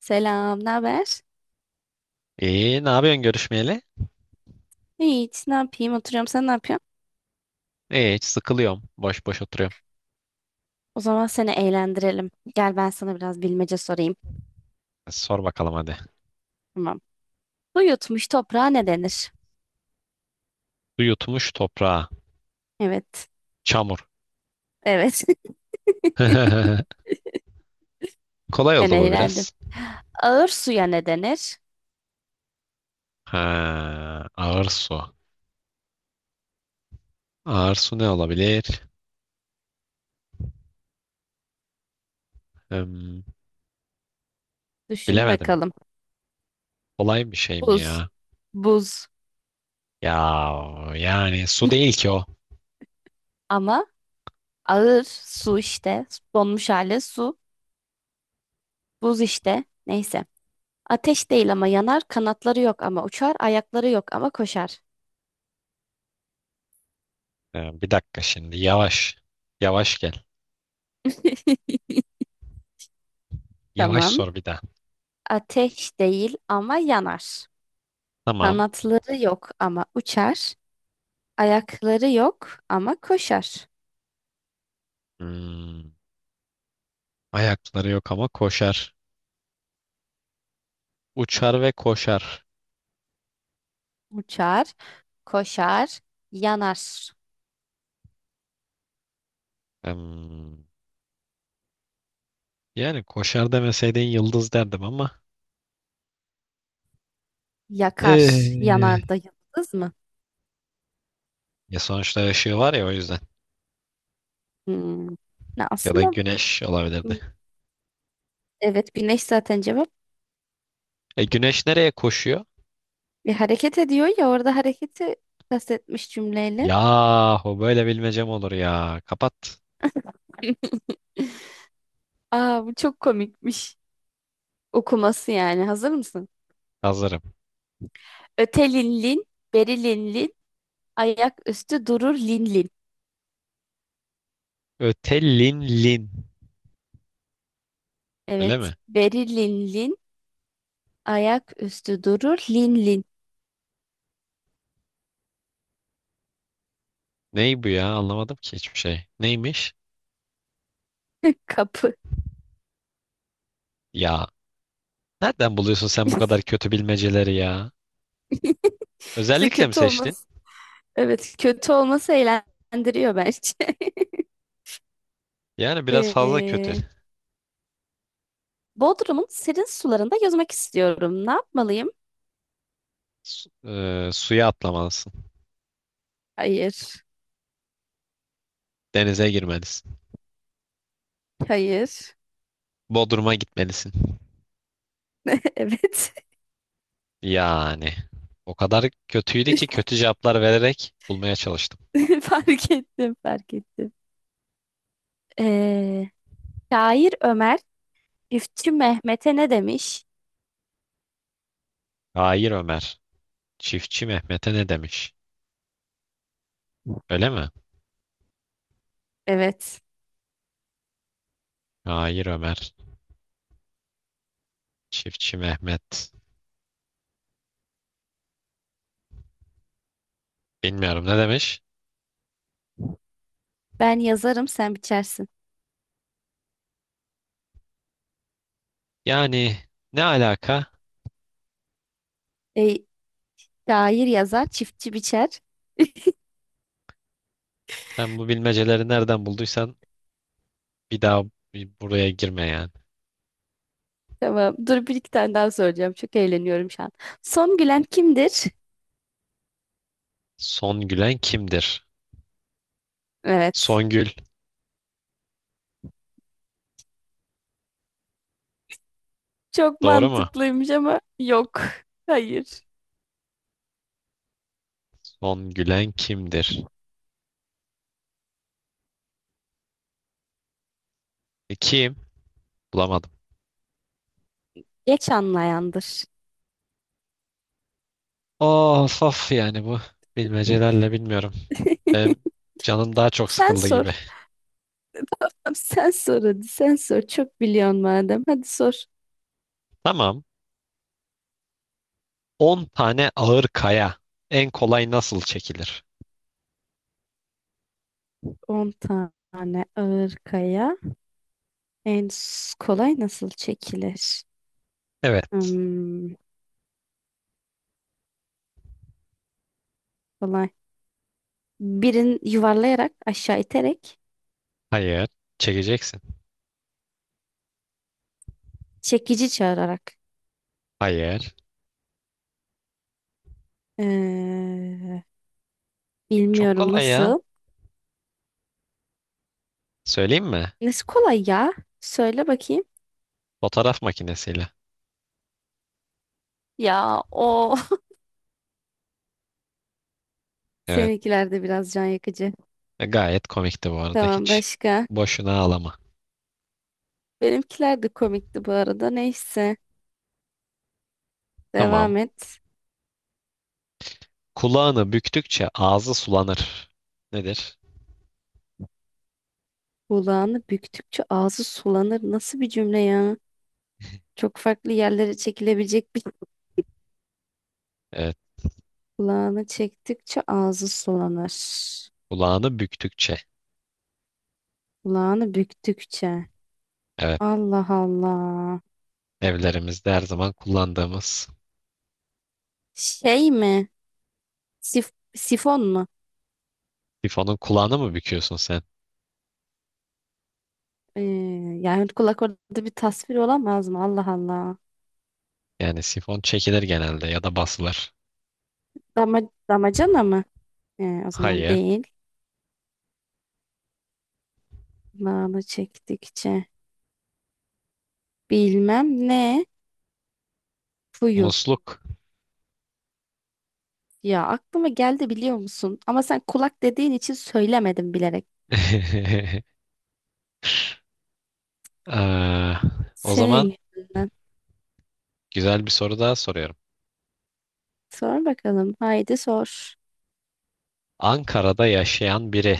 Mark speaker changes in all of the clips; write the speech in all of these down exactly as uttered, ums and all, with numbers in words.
Speaker 1: Selam, ne haber?
Speaker 2: İyi, ne yapıyorsun görüşmeyeli?
Speaker 1: Hiç, ne yapayım? Oturuyorum, sen ne yapıyorsun?
Speaker 2: İyi, hiç sıkılıyorum. Boş boş oturuyorum.
Speaker 1: O zaman seni eğlendirelim. Gel ben sana biraz bilmece sorayım.
Speaker 2: Sor bakalım hadi.
Speaker 1: Tamam. Su yutmuş toprağa ne denir?
Speaker 2: Su yutmuş toprağa.
Speaker 1: Evet,
Speaker 2: Çamur.
Speaker 1: evet.
Speaker 2: Kolay
Speaker 1: Ben
Speaker 2: oldu bu
Speaker 1: eğlendim.
Speaker 2: biraz.
Speaker 1: Ağır suya ne denir?
Speaker 2: Ha, ağır su. Ağır su ne olabilir? Hmm,
Speaker 1: Düşün
Speaker 2: bilemedim.
Speaker 1: bakalım.
Speaker 2: Kolay bir şey mi
Speaker 1: Buz,
Speaker 2: ya?
Speaker 1: buz.
Speaker 2: Ya yani su değil ki o.
Speaker 1: Ama ağır su işte. Donmuş hali su, buz işte. Neyse. Ateş değil ama yanar, kanatları yok ama uçar, ayakları yok ama koşar.
Speaker 2: Ee, bir dakika şimdi. Yavaş. Yavaş gel. Yavaş
Speaker 1: Tamam.
Speaker 2: sor bir daha.
Speaker 1: Ateş değil ama yanar.
Speaker 2: Tamam.
Speaker 1: Kanatları yok ama uçar. Ayakları yok ama koşar.
Speaker 2: Hmm, Ayakları yok ama koşar. Uçar ve koşar.
Speaker 1: Uçar, koşar, yanar,
Speaker 2: Hmm, Yani koşar demeseydin yıldız derdim ama
Speaker 1: yakar.
Speaker 2: eee,
Speaker 1: Yanar da yıldız mı?
Speaker 2: ya sonuçta ışığı var ya o yüzden.
Speaker 1: Hmm. Ne
Speaker 2: Ya da
Speaker 1: aslında
Speaker 2: güneş
Speaker 1: hmm,
Speaker 2: olabilirdi.
Speaker 1: evet güneş zaten cevap.
Speaker 2: E güneş nereye koşuyor?
Speaker 1: Bir hareket ediyor ya, orada hareketi kastetmiş cümleyle.
Speaker 2: Yahu böyle bilmecem olur ya. Kapat.
Speaker 1: Aa, bu çok komikmiş. Okuması yani. Hazır mısın?
Speaker 2: Hazırım.
Speaker 1: Ötelinlin, berilinlin, ayak üstü durur linlin.
Speaker 2: Ötelinlin. Öyle
Speaker 1: Evet,
Speaker 2: mi?
Speaker 1: berilinlin. Ayak üstü durur, lin lin.
Speaker 2: Ney bu ya? Anlamadım ki hiçbir şey. Neymiş?
Speaker 1: Kapı.
Speaker 2: Ya. Nereden buluyorsun sen bu kadar kötü bilmeceleri ya?
Speaker 1: İşte
Speaker 2: Özellikle mi
Speaker 1: kötü
Speaker 2: seçtin?
Speaker 1: olması, evet kötü olması eğlendiriyor bence.
Speaker 2: Yani biraz fazla kötü.
Speaker 1: Ee, Bodrum'un serin sularında yüzmek istiyorum. Ne yapmalıyım?
Speaker 2: Su- eee, suya atlamalısın.
Speaker 1: Hayır,
Speaker 2: Denize girmelisin.
Speaker 1: hayır.
Speaker 2: Bodrum'a gitmelisin.
Speaker 1: Evet.
Speaker 2: Yani o kadar kötüydü ki kötü cevaplar vererek bulmaya çalıştım.
Speaker 1: Fark ettim, fark ettim. Ee, şair Ömer, Üfçü Mehmet'e ne demiş?
Speaker 2: Hayır Ömer. Çiftçi Mehmet'e ne demiş? Öyle mi?
Speaker 1: Evet.
Speaker 2: Hayır Ömer. Çiftçi Mehmet. Bilmiyorum ne demiş?
Speaker 1: Ben yazarım, sen biçersin.
Speaker 2: Yani ne alaka?
Speaker 1: E, şair yazar, çiftçi biçer.
Speaker 2: Sen bu bilmeceleri nereden bulduysan bir daha bir buraya girme yani.
Speaker 1: Tamam. Dur, bir iki tane daha söyleyeceğim. Çok eğleniyorum şu an. Son gülen kimdir?
Speaker 2: Son gülen kimdir?
Speaker 1: Evet.
Speaker 2: Songül.
Speaker 1: Çok
Speaker 2: Doğru mu?
Speaker 1: mantıklıymış ama yok. Hayır.
Speaker 2: Son gülen kimdir? E, kim? Bulamadım.
Speaker 1: Geç anlayandır.
Speaker 2: Of of yani bu bilmecelerle bilmiyorum. Benim canım daha çok
Speaker 1: Sen
Speaker 2: sıkıldı
Speaker 1: sor.
Speaker 2: gibi.
Speaker 1: Tamam, sen sor hadi. Sen sor. Çok biliyorsun madem. Hadi sor.
Speaker 2: Tamam. On tane ağır kaya. En kolay nasıl çekilir?
Speaker 1: On tane ağır kaya. En s- kolay nasıl çekilir?
Speaker 2: Evet.
Speaker 1: Hmm, kolay. Birini yuvarlayarak, aşağı iterek,
Speaker 2: Hayır. Çekeceksin.
Speaker 1: çekici çağırarak.
Speaker 2: Hayır.
Speaker 1: Ee,
Speaker 2: Çok
Speaker 1: bilmiyorum
Speaker 2: kolay ya.
Speaker 1: nasıl.
Speaker 2: Söyleyeyim mi?
Speaker 1: Nesi kolay ya? Söyle bakayım.
Speaker 2: Fotoğraf makinesiyle.
Speaker 1: Ya o
Speaker 2: Evet.
Speaker 1: seninkiler de biraz can yakıcı.
Speaker 2: E, gayet komikti bu arada.
Speaker 1: Tamam,
Speaker 2: Hiç
Speaker 1: başka.
Speaker 2: boşuna ağlama.
Speaker 1: Benimkiler de komikti bu arada. Neyse.
Speaker 2: Tamam.
Speaker 1: Devam et.
Speaker 2: Kulağını büktükçe ağzı sulanır. Nedir?
Speaker 1: Kulağını büktükçe ağzı sulanır. Nasıl bir cümle ya? Çok farklı yerlere çekilebilecek bir...
Speaker 2: Evet.
Speaker 1: Kulağını çektikçe ağzı sulanır.
Speaker 2: Kulağını büktükçe.
Speaker 1: Kulağını büktükçe.
Speaker 2: Evet.
Speaker 1: Allah Allah.
Speaker 2: Evlerimizde her zaman kullandığımız.
Speaker 1: Şey mi? Sif- sifon mu?
Speaker 2: Sifonun kulağını mı büküyorsun sen?
Speaker 1: Ee, yani kulak orada bir tasvir olamaz mı? Allah Allah.
Speaker 2: Yani sifon çekilir genelde ya da basılır.
Speaker 1: Dama, Damacana mı? He, o zaman
Speaker 2: Hayır.
Speaker 1: değil. Nane çektikçe. Bilmem ne. Fuyu.
Speaker 2: Musluk.
Speaker 1: Ya, aklıma geldi biliyor musun? Ama sen kulak dediğin için söylemedim bilerek.
Speaker 2: Eee, o zaman
Speaker 1: Senin yüzünden.
Speaker 2: güzel bir soru daha soruyorum.
Speaker 1: Sor bakalım. Haydi sor.
Speaker 2: Ankara'da yaşayan biri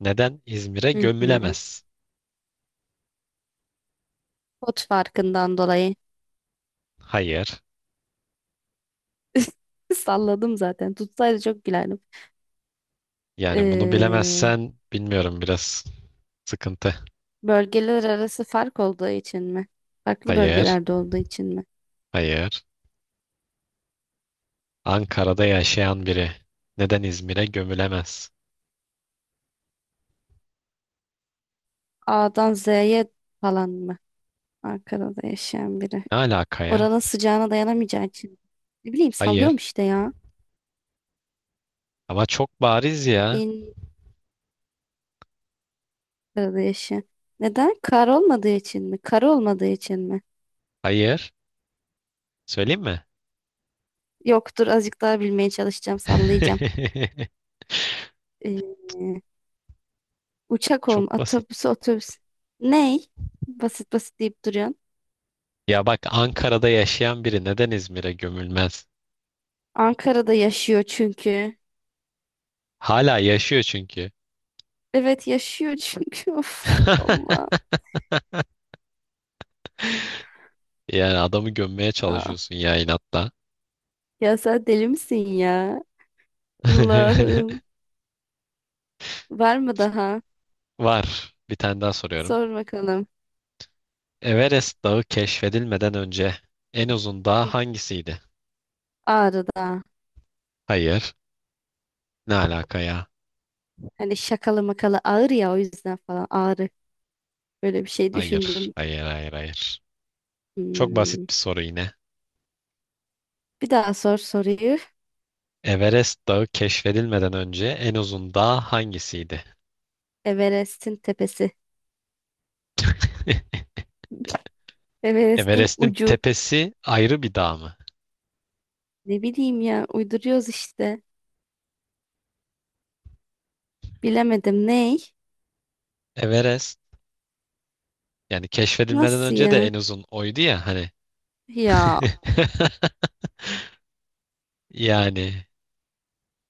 Speaker 2: neden İzmir'e
Speaker 1: Hı hı.
Speaker 2: gömülemez?
Speaker 1: Pot farkından dolayı.
Speaker 2: Hayır.
Speaker 1: Salladım zaten. Tutsaydı çok gülerdim.
Speaker 2: Yani bunu
Speaker 1: Ee,
Speaker 2: bilemezsen bilmiyorum biraz sıkıntı.
Speaker 1: bölgeler arası fark olduğu için mi? Farklı
Speaker 2: Hayır.
Speaker 1: bölgelerde olduğu için mi?
Speaker 2: Hayır. Ankara'da yaşayan biri neden İzmir'e gömülemez?
Speaker 1: A'dan Z'ye falan mı? Ankara'da yaşayan biri.
Speaker 2: Ne alaka ya?
Speaker 1: Oranın sıcağına dayanamayacağı için. Ne bileyim, sallıyorum
Speaker 2: Hayır.
Speaker 1: işte ya.
Speaker 2: Ama çok bariz ya.
Speaker 1: Bin arada yaşı. Neden? Kar olmadığı için mi? Kar olmadığı için mi?
Speaker 2: Hayır. Söyleyeyim mi?
Speaker 1: Yoktur, azıcık daha bilmeye çalışacağım, sallayacağım. Ee, uçak olm
Speaker 2: Çok basit.
Speaker 1: otobüs otobüs. Ney? Basit basit deyip duruyorsun.
Speaker 2: Ya bak Ankara'da yaşayan biri neden İzmir'e gömülmez?
Speaker 1: Ankara'da yaşıyor çünkü.
Speaker 2: Hala yaşıyor çünkü.
Speaker 1: Evet, yaşıyor çünkü. Of Allah.
Speaker 2: Yani adamı gömmeye
Speaker 1: Aa.
Speaker 2: çalışıyorsun ya inatla.
Speaker 1: Ya sen deli misin ya? Allah'ım. Var mı daha?
Speaker 2: Var. Bir tane daha soruyorum.
Speaker 1: Sor bakalım.
Speaker 2: Everest Dağı keşfedilmeden önce en uzun dağ
Speaker 1: Hı.
Speaker 2: hangisiydi?
Speaker 1: Ağrı'da.
Speaker 2: Hayır. Ne alaka ya?
Speaker 1: Hani şakalı makalı ağır ya, o yüzden falan ağrı. Böyle bir şey
Speaker 2: Hayır,
Speaker 1: düşündüm.
Speaker 2: hayır, hayır, hayır. Çok
Speaker 1: Hmm.
Speaker 2: basit bir soru yine.
Speaker 1: Bir daha sor soruyu.
Speaker 2: Everest Dağı keşfedilmeden önce en uzun dağ hangisiydi?
Speaker 1: Everest'in tepesi. Everest'in
Speaker 2: Everest'in
Speaker 1: ucu.
Speaker 2: tepesi ayrı bir dağ mı?
Speaker 1: Ne bileyim ya, uyduruyoruz işte. Bilemedim, ney?
Speaker 2: Everest. Yani keşfedilmeden
Speaker 1: Nasıl
Speaker 2: önce de
Speaker 1: ya?
Speaker 2: en uzun oydu ya hani.
Speaker 1: Ya,
Speaker 2: Yani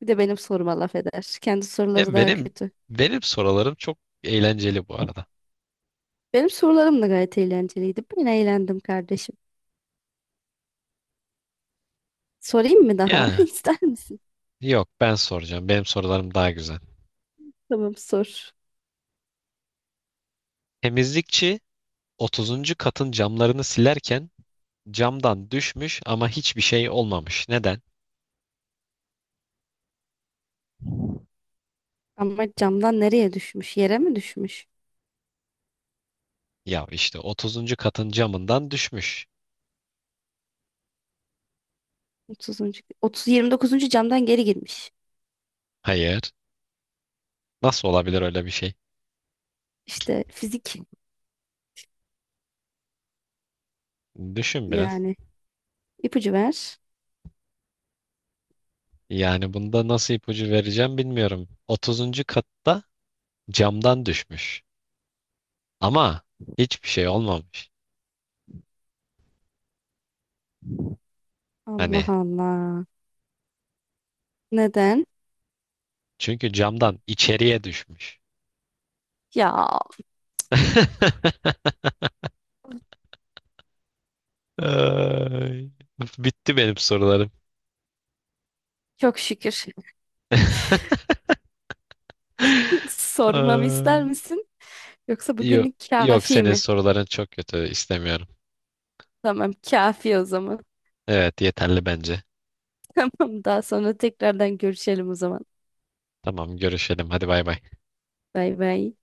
Speaker 1: bir de benim soruma laf eder. Kendi soruları
Speaker 2: ya
Speaker 1: daha
Speaker 2: benim
Speaker 1: kötü.
Speaker 2: benim sorularım çok eğlenceli bu arada.
Speaker 1: Benim sorularım da gayet eğlenceliydi. Ben eğlendim kardeşim. Sorayım mı daha?
Speaker 2: Ya
Speaker 1: İster misin?
Speaker 2: yok ben soracağım. Benim sorularım daha güzel.
Speaker 1: Tamam, sor.
Speaker 2: Temizlikçi otuzuncu katın camlarını silerken camdan düşmüş ama hiçbir şey olmamış. Neden?
Speaker 1: Ama camdan nereye düşmüş? Yere mi düşmüş?
Speaker 2: Ya işte otuzuncu katın camından düşmüş.
Speaker 1: Otuzuncu, otuz yirmi dokuzuncu camdan geri girmiş.
Speaker 2: Hayır. Nasıl olabilir öyle bir şey?
Speaker 1: İşte fizik
Speaker 2: Düşün biraz.
Speaker 1: yani. İpucu ver.
Speaker 2: Yani bunda nasıl ipucu vereceğim bilmiyorum. otuzuncu katta camdan düşmüş. Ama hiçbir şey olmamış. Hani
Speaker 1: Allah Allah. Neden?
Speaker 2: çünkü camdan içeriye düşmüş.
Speaker 1: Ya,
Speaker 2: Ay, bitti benim sorularım.
Speaker 1: çok şükür. Sormamı ister
Speaker 2: Ay,
Speaker 1: misin? Yoksa
Speaker 2: yok,
Speaker 1: bugünlük
Speaker 2: yok
Speaker 1: kafi
Speaker 2: senin
Speaker 1: mi?
Speaker 2: soruların çok kötü istemiyorum.
Speaker 1: Tamam, kafi o zaman.
Speaker 2: Evet yeterli bence.
Speaker 1: Tamam, daha sonra tekrardan görüşelim o zaman.
Speaker 2: Tamam görüşelim hadi bay bay.
Speaker 1: Bay bay.